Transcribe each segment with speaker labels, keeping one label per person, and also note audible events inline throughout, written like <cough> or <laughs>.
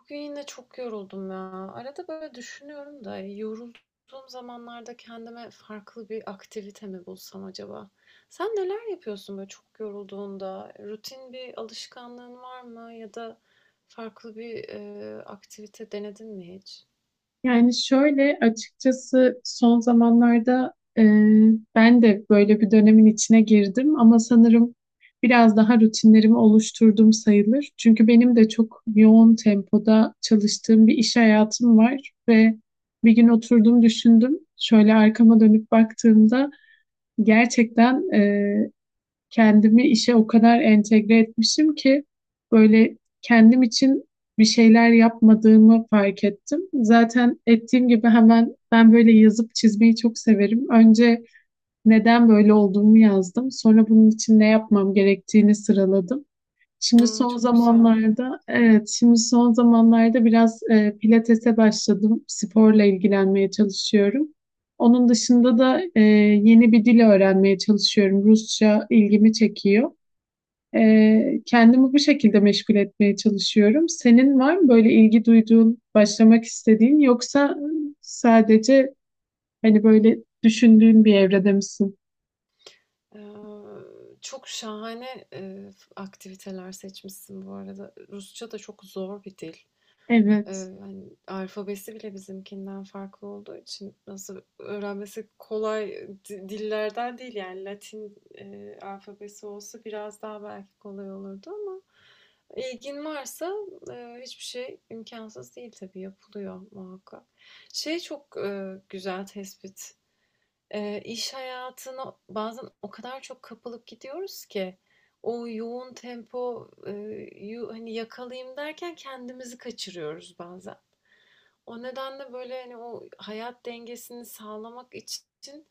Speaker 1: Bugün yine çok yoruldum ya. Arada böyle düşünüyorum da yorulduğum zamanlarda kendime farklı bir aktivite mi bulsam acaba? Sen neler yapıyorsun böyle çok yorulduğunda? Rutin bir alışkanlığın var mı? Ya da farklı bir aktivite denedin mi hiç?
Speaker 2: Yani şöyle açıkçası son zamanlarda e, ben de böyle bir dönemin içine girdim ama sanırım biraz daha rutinlerimi oluşturdum sayılır. Çünkü benim de çok yoğun tempoda çalıştığım bir iş hayatım var ve bir gün oturdum düşündüm. Şöyle arkama dönüp baktığımda gerçekten kendimi işe o kadar entegre etmişim ki böyle kendim için bir şeyler yapmadığımı fark ettim. Zaten ettiğim gibi hemen ben böyle yazıp çizmeyi çok severim. Önce neden böyle olduğumu yazdım. Sonra bunun için ne yapmam gerektiğini sıraladım. Şimdi
Speaker 1: Hmm,
Speaker 2: son
Speaker 1: çok güzel.
Speaker 2: zamanlarda, evet, şimdi son zamanlarda biraz pilatese başladım. Sporla ilgilenmeye çalışıyorum. Onun dışında da yeni bir dil öğrenmeye çalışıyorum. Rusça ilgimi çekiyor. Kendimi bu şekilde meşgul etmeye çalışıyorum. Senin var mı böyle ilgi duyduğun, başlamak istediğin yoksa sadece hani böyle düşündüğün bir evrede misin?
Speaker 1: Ee, Çok şahane aktiviteler seçmişsin bu arada. Rusça da çok zor bir dil.
Speaker 2: Evet.
Speaker 1: Hani, alfabesi bile bizimkinden farklı olduğu için nasıl öğrenmesi kolay dillerden değil, yani, Latin, alfabesi olsa biraz daha belki kolay olurdu ama ilgin varsa, hiçbir şey imkansız değil tabii, yapılıyor muhakkak. Şey çok, güzel tespit. İş hayatına bazen o kadar çok kapılıp gidiyoruz ki o yoğun tempo yu hani, yakalayayım derken kendimizi kaçırıyoruz bazen. O nedenle böyle hani o hayat dengesini sağlamak için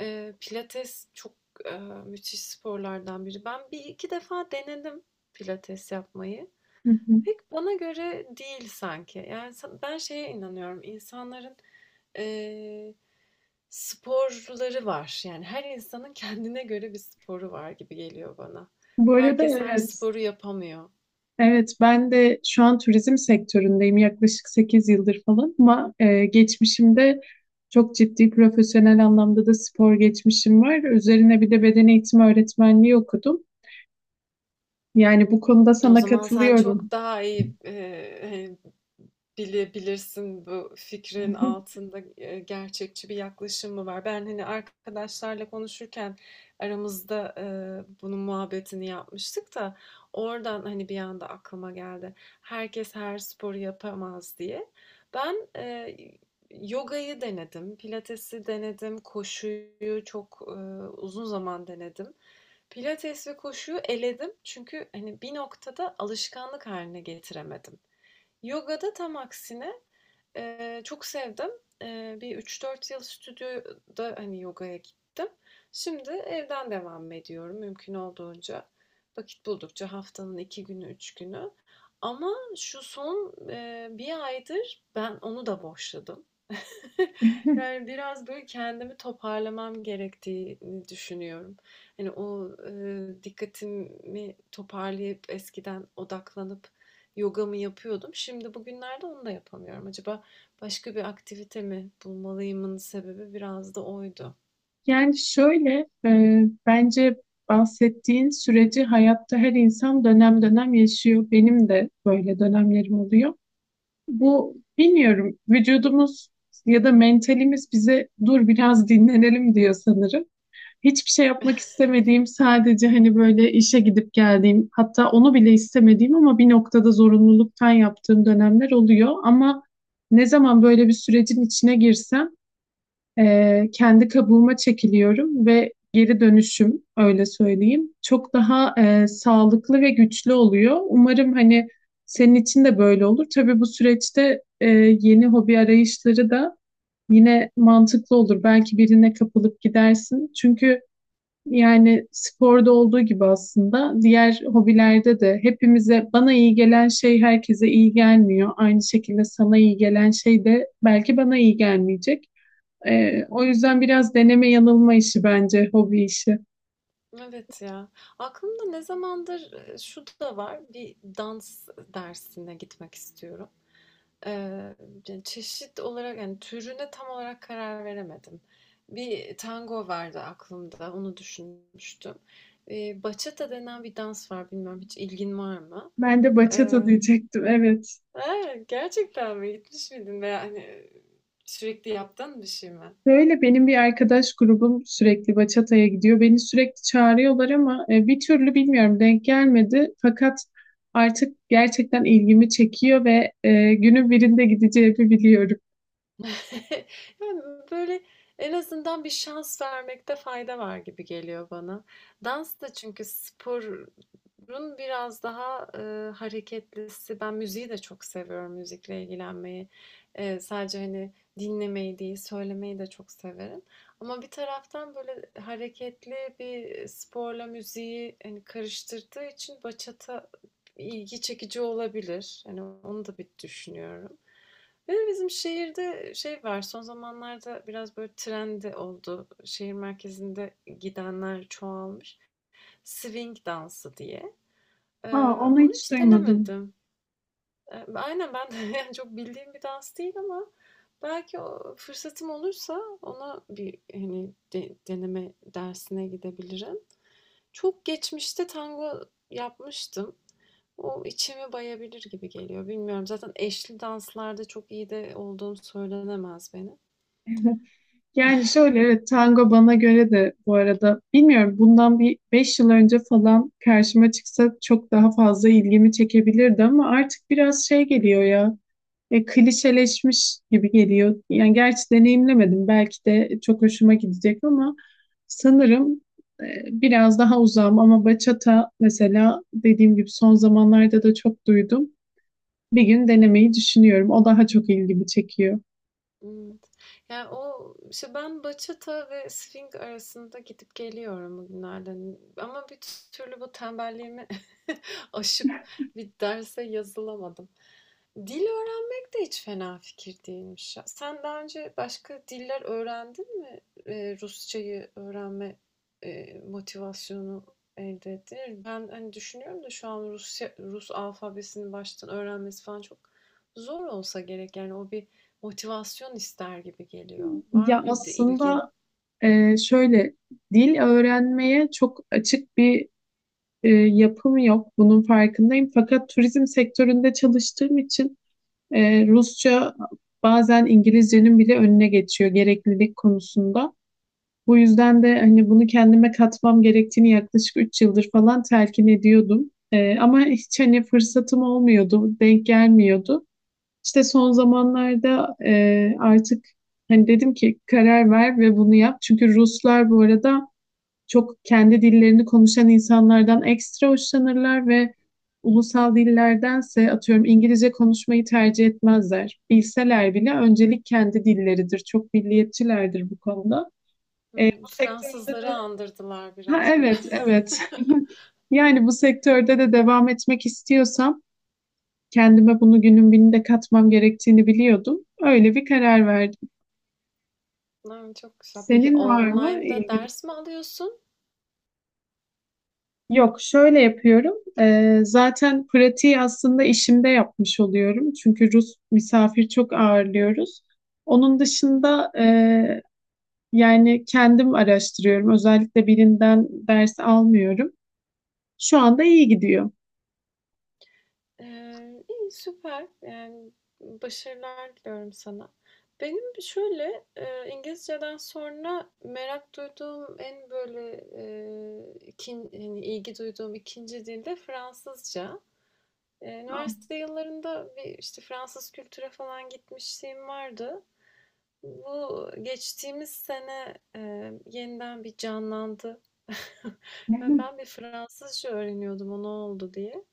Speaker 1: pilates çok müthiş sporlardan biri. Ben bir iki defa denedim pilates yapmayı.
Speaker 2: Hı hı.
Speaker 1: Pek bana göre değil sanki. Yani ben şeye inanıyorum. İnsanların eee, sporları var. Yani her insanın kendine göre bir sporu var gibi geliyor bana.
Speaker 2: Bu arada
Speaker 1: Herkes her
Speaker 2: evet.
Speaker 1: sporu yapamıyor.
Speaker 2: Evet, ben de şu an turizm sektöründeyim yaklaşık 8 yıldır falan ama geçmişimde çok ciddi profesyonel anlamda da spor geçmişim var. Üzerine bir de beden eğitimi öğretmenliği okudum. Yani bu konuda
Speaker 1: O
Speaker 2: sana
Speaker 1: zaman sen
Speaker 2: katılıyorum.
Speaker 1: çok daha iyi hani, bilebilirsin bu fikrin altında gerçekçi bir yaklaşım mı var? Ben hani arkadaşlarla konuşurken aramızda bunun muhabbetini yapmıştık da oradan hani bir anda aklıma geldi. Herkes her sporu yapamaz diye. Ben yogayı denedim, pilatesi denedim, koşuyu çok uzun zaman denedim. Pilates ve koşuyu eledim çünkü hani bir noktada alışkanlık haline getiremedim. Yoga'da tam aksine, çok sevdim. Bir 3-4 yıl stüdyoda hani yogaya gittim. Şimdi evden devam ediyorum mümkün olduğunca. Vakit buldukça haftanın 2 günü, 3 günü. Ama şu son bir aydır ben onu da boşladım.
Speaker 2: <laughs>
Speaker 1: Yani biraz böyle kendimi toparlamam gerektiğini düşünüyorum. Hani o dikkatimi toparlayıp eskiden odaklanıp yogamı yapıyordum. Şimdi bugünlerde onu da yapamıyorum. Acaba başka bir aktivite mi bulmalıyımın sebebi biraz da oydu.
Speaker 2: Yani şöyle, bence bahsettiğin süreci hayatta her insan dönem dönem yaşıyor. Benim de böyle dönemlerim oluyor. Bu bilmiyorum vücudumuz ya da mentalimiz bize dur biraz dinlenelim diyor sanırım. Hiçbir şey yapmak istemediğim sadece hani böyle işe gidip geldiğim hatta onu bile istemediğim ama bir noktada zorunluluktan yaptığım dönemler oluyor. Ama ne zaman böyle bir sürecin içine girsem kendi kabuğuma çekiliyorum ve geri dönüşüm öyle söyleyeyim çok daha sağlıklı ve güçlü oluyor. Umarım hani senin için de böyle olur. Tabii bu süreçte yeni hobi arayışları da yine mantıklı olur. Belki birine kapılıp gidersin. Çünkü yani sporda olduğu gibi aslında diğer hobilerde de hepimize bana iyi gelen şey herkese iyi gelmiyor. Aynı şekilde sana iyi gelen şey de belki bana iyi gelmeyecek.
Speaker 1: Hı hı.
Speaker 2: O yüzden biraz deneme yanılma işi bence, hobi işi.
Speaker 1: Evet ya. Aklımda ne zamandır şu da var. Bir dans dersine gitmek istiyorum. Eee, ce Çeşit olarak, yani, türüne tam olarak karar veremedim. Bir tango vardı aklımda, onu düşünmüştüm. Bachata denen bir dans var, bilmiyorum hiç ilgin var mı?
Speaker 2: Ben de bachata
Speaker 1: Eee,
Speaker 2: diyecektim, evet.
Speaker 1: he, gerçekten mi? Gitmiş miydin veya, hani, sürekli yaptığın bir şey mi?
Speaker 2: Böyle benim bir arkadaş grubum sürekli bachata'ya gidiyor. Beni sürekli çağırıyorlar ama bir türlü bilmiyorum denk gelmedi. Fakat artık gerçekten ilgimi çekiyor ve günün birinde gideceğimi biliyorum.
Speaker 1: <laughs> Yani, böyle, en azından bir şans vermekte fayda var gibi geliyor bana. Dans da çünkü sporun biraz daha, hareketlisi. Ben müziği de çok seviyorum, müzikle ilgilenmeyi. Sadece, hani, dinlemeyi değil, söylemeyi de çok severim. Ama bir taraftan, böyle, hareketli bir sporla müziği, hani, karıştırdığı için bachata ilgi çekici olabilir. Yani onu da bir düşünüyorum. Bir de bizim şehirde şey var, son zamanlarda biraz böyle trend oldu. Şehir merkezinde gidenler çoğalmış. Swing dansı diye. Ee,
Speaker 2: Aa, onu
Speaker 1: Onu
Speaker 2: hiç
Speaker 1: hiç
Speaker 2: duymadım.
Speaker 1: denemedim. Aynen ben de <laughs> yani çok bildiğim bir dans değil ama belki o fırsatım olursa ona bir hani deneme dersine gidebilirim. Çok geçmişte tango yapmıştım. O içimi bayabilir gibi geliyor. Bilmiyorum. Zaten eşli danslarda çok iyi de olduğum söylenemez benim.
Speaker 2: Yani şöyle evet tango bana göre de bu arada bilmiyorum bundan bir 5 yıl önce falan karşıma çıksa çok daha fazla ilgimi çekebilirdi ama artık biraz şey geliyor ya klişeleşmiş gibi geliyor. Yani gerçi deneyimlemedim belki de çok hoşuma gidecek ama sanırım e, biraz daha uzağım ama bachata mesela dediğim gibi son zamanlarda da çok duydum. Bir gün denemeyi düşünüyorum. O daha çok ilgimi çekiyor.
Speaker 1: Evet. Yani o işte ben bachata ve swing arasında gidip geliyorum bugünlerde. Ama bir türlü bu tembelliğimi <laughs> aşıp bir derse yazılamadım. Dil öğrenmek de hiç fena fikir değilmiş ya. Sen daha önce başka diller öğrendin mi? Rusçayı öğrenme motivasyonu elde ettin mi? Ben hani düşünüyorum da şu an Rusya, Rus alfabesini baştan öğrenmesi falan çok zor olsa gerek. Yani o bir motivasyon ister gibi geliyor. Var
Speaker 2: Ya
Speaker 1: mıydı ilgin?
Speaker 2: aslında şöyle dil öğrenmeye çok açık bir yapım yok. Bunun farkındayım. Fakat turizm sektöründe çalıştığım için Rusça bazen İngilizcenin bile önüne geçiyor gereklilik konusunda. Bu yüzden de hani bunu kendime katmam gerektiğini yaklaşık 3 yıldır falan telkin ediyordum. Ama hiç hani fırsatım olmuyordu, denk gelmiyordu. İşte son zamanlarda artık hani dedim ki karar ver ve bunu yap. Çünkü Ruslar bu arada çok kendi dillerini konuşan insanlardan ekstra hoşlanırlar ve ulusal dillerdense atıyorum İngilizce konuşmayı tercih etmezler. Bilseler bile öncelik kendi dilleridir. Çok milliyetçilerdir bu konuda.
Speaker 1: Hmm,
Speaker 2: Bu sektörde
Speaker 1: Fransızları
Speaker 2: de
Speaker 1: andırdılar
Speaker 2: ha
Speaker 1: biraz böyle.
Speaker 2: evet, evet. <laughs> Yani bu sektörde de devam etmek istiyorsam kendime bunu günün birinde katmam gerektiğini biliyordum. Öyle bir karar verdim.
Speaker 1: <laughs> Lan, çok güzel. Peki
Speaker 2: Senin var mı
Speaker 1: online'da
Speaker 2: ilgili?
Speaker 1: ders mi alıyorsun?
Speaker 2: Yok, şöyle yapıyorum. Zaten pratiği aslında işimde yapmış oluyorum. Çünkü Rus misafir çok ağırlıyoruz. Onun
Speaker 1: Hı hı.
Speaker 2: dışında yani kendim araştırıyorum. Özellikle birinden ders almıyorum. Şu anda iyi gidiyor.
Speaker 1: İyi, süper. Yani, başarılar diliyorum sana. Benim şöyle, İngilizceden sonra merak duyduğum en böyle, ikin hani, ilgi duyduğum ikinci dil de Fransızca.
Speaker 2: Aa.
Speaker 1: Üniversite yıllarında bir, işte, Fransız kültüre falan gitmişliğim vardı. Bu geçtiğimiz sene, yeniden bir canlandı <laughs> ve
Speaker 2: <laughs>
Speaker 1: ben bir Fransızca öğreniyordum o ne oldu diye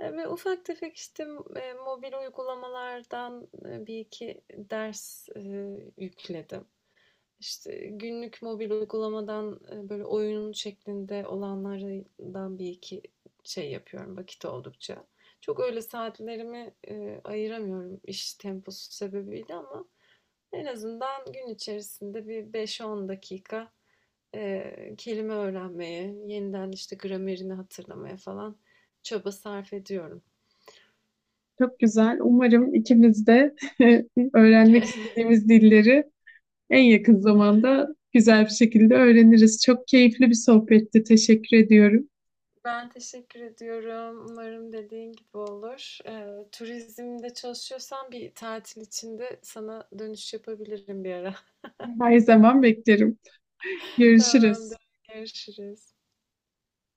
Speaker 1: ve ufak tefek, işte, mobil uygulamalardan, 1-2 ders, yükledim. İşte, günlük mobil uygulamadan, böyle, oyun şeklinde olanlardan bir iki şey yapıyorum vakit oldukça. Çok öyle saatlerimi, ayıramıyorum iş temposu sebebiyle ama en azından gün içerisinde bir 5-10 dakika, kelime öğrenmeye, yeniden, işte, gramerini hatırlamaya falan çaba sarf ediyorum.
Speaker 2: Çok güzel. Umarım ikimiz de <laughs> öğrenmek
Speaker 1: <laughs>
Speaker 2: istediğimiz dilleri en yakın zamanda güzel bir şekilde öğreniriz. Çok keyifli bir sohbetti. Teşekkür ediyorum.
Speaker 1: Ben teşekkür ediyorum. Umarım dediğin gibi olur. Turizmde çalışıyorsan bir tatil içinde sana dönüş yapabilirim bir ara. <laughs>
Speaker 2: Her zaman beklerim. Görüşürüz.
Speaker 1: Tamamdır. Görüşürüz.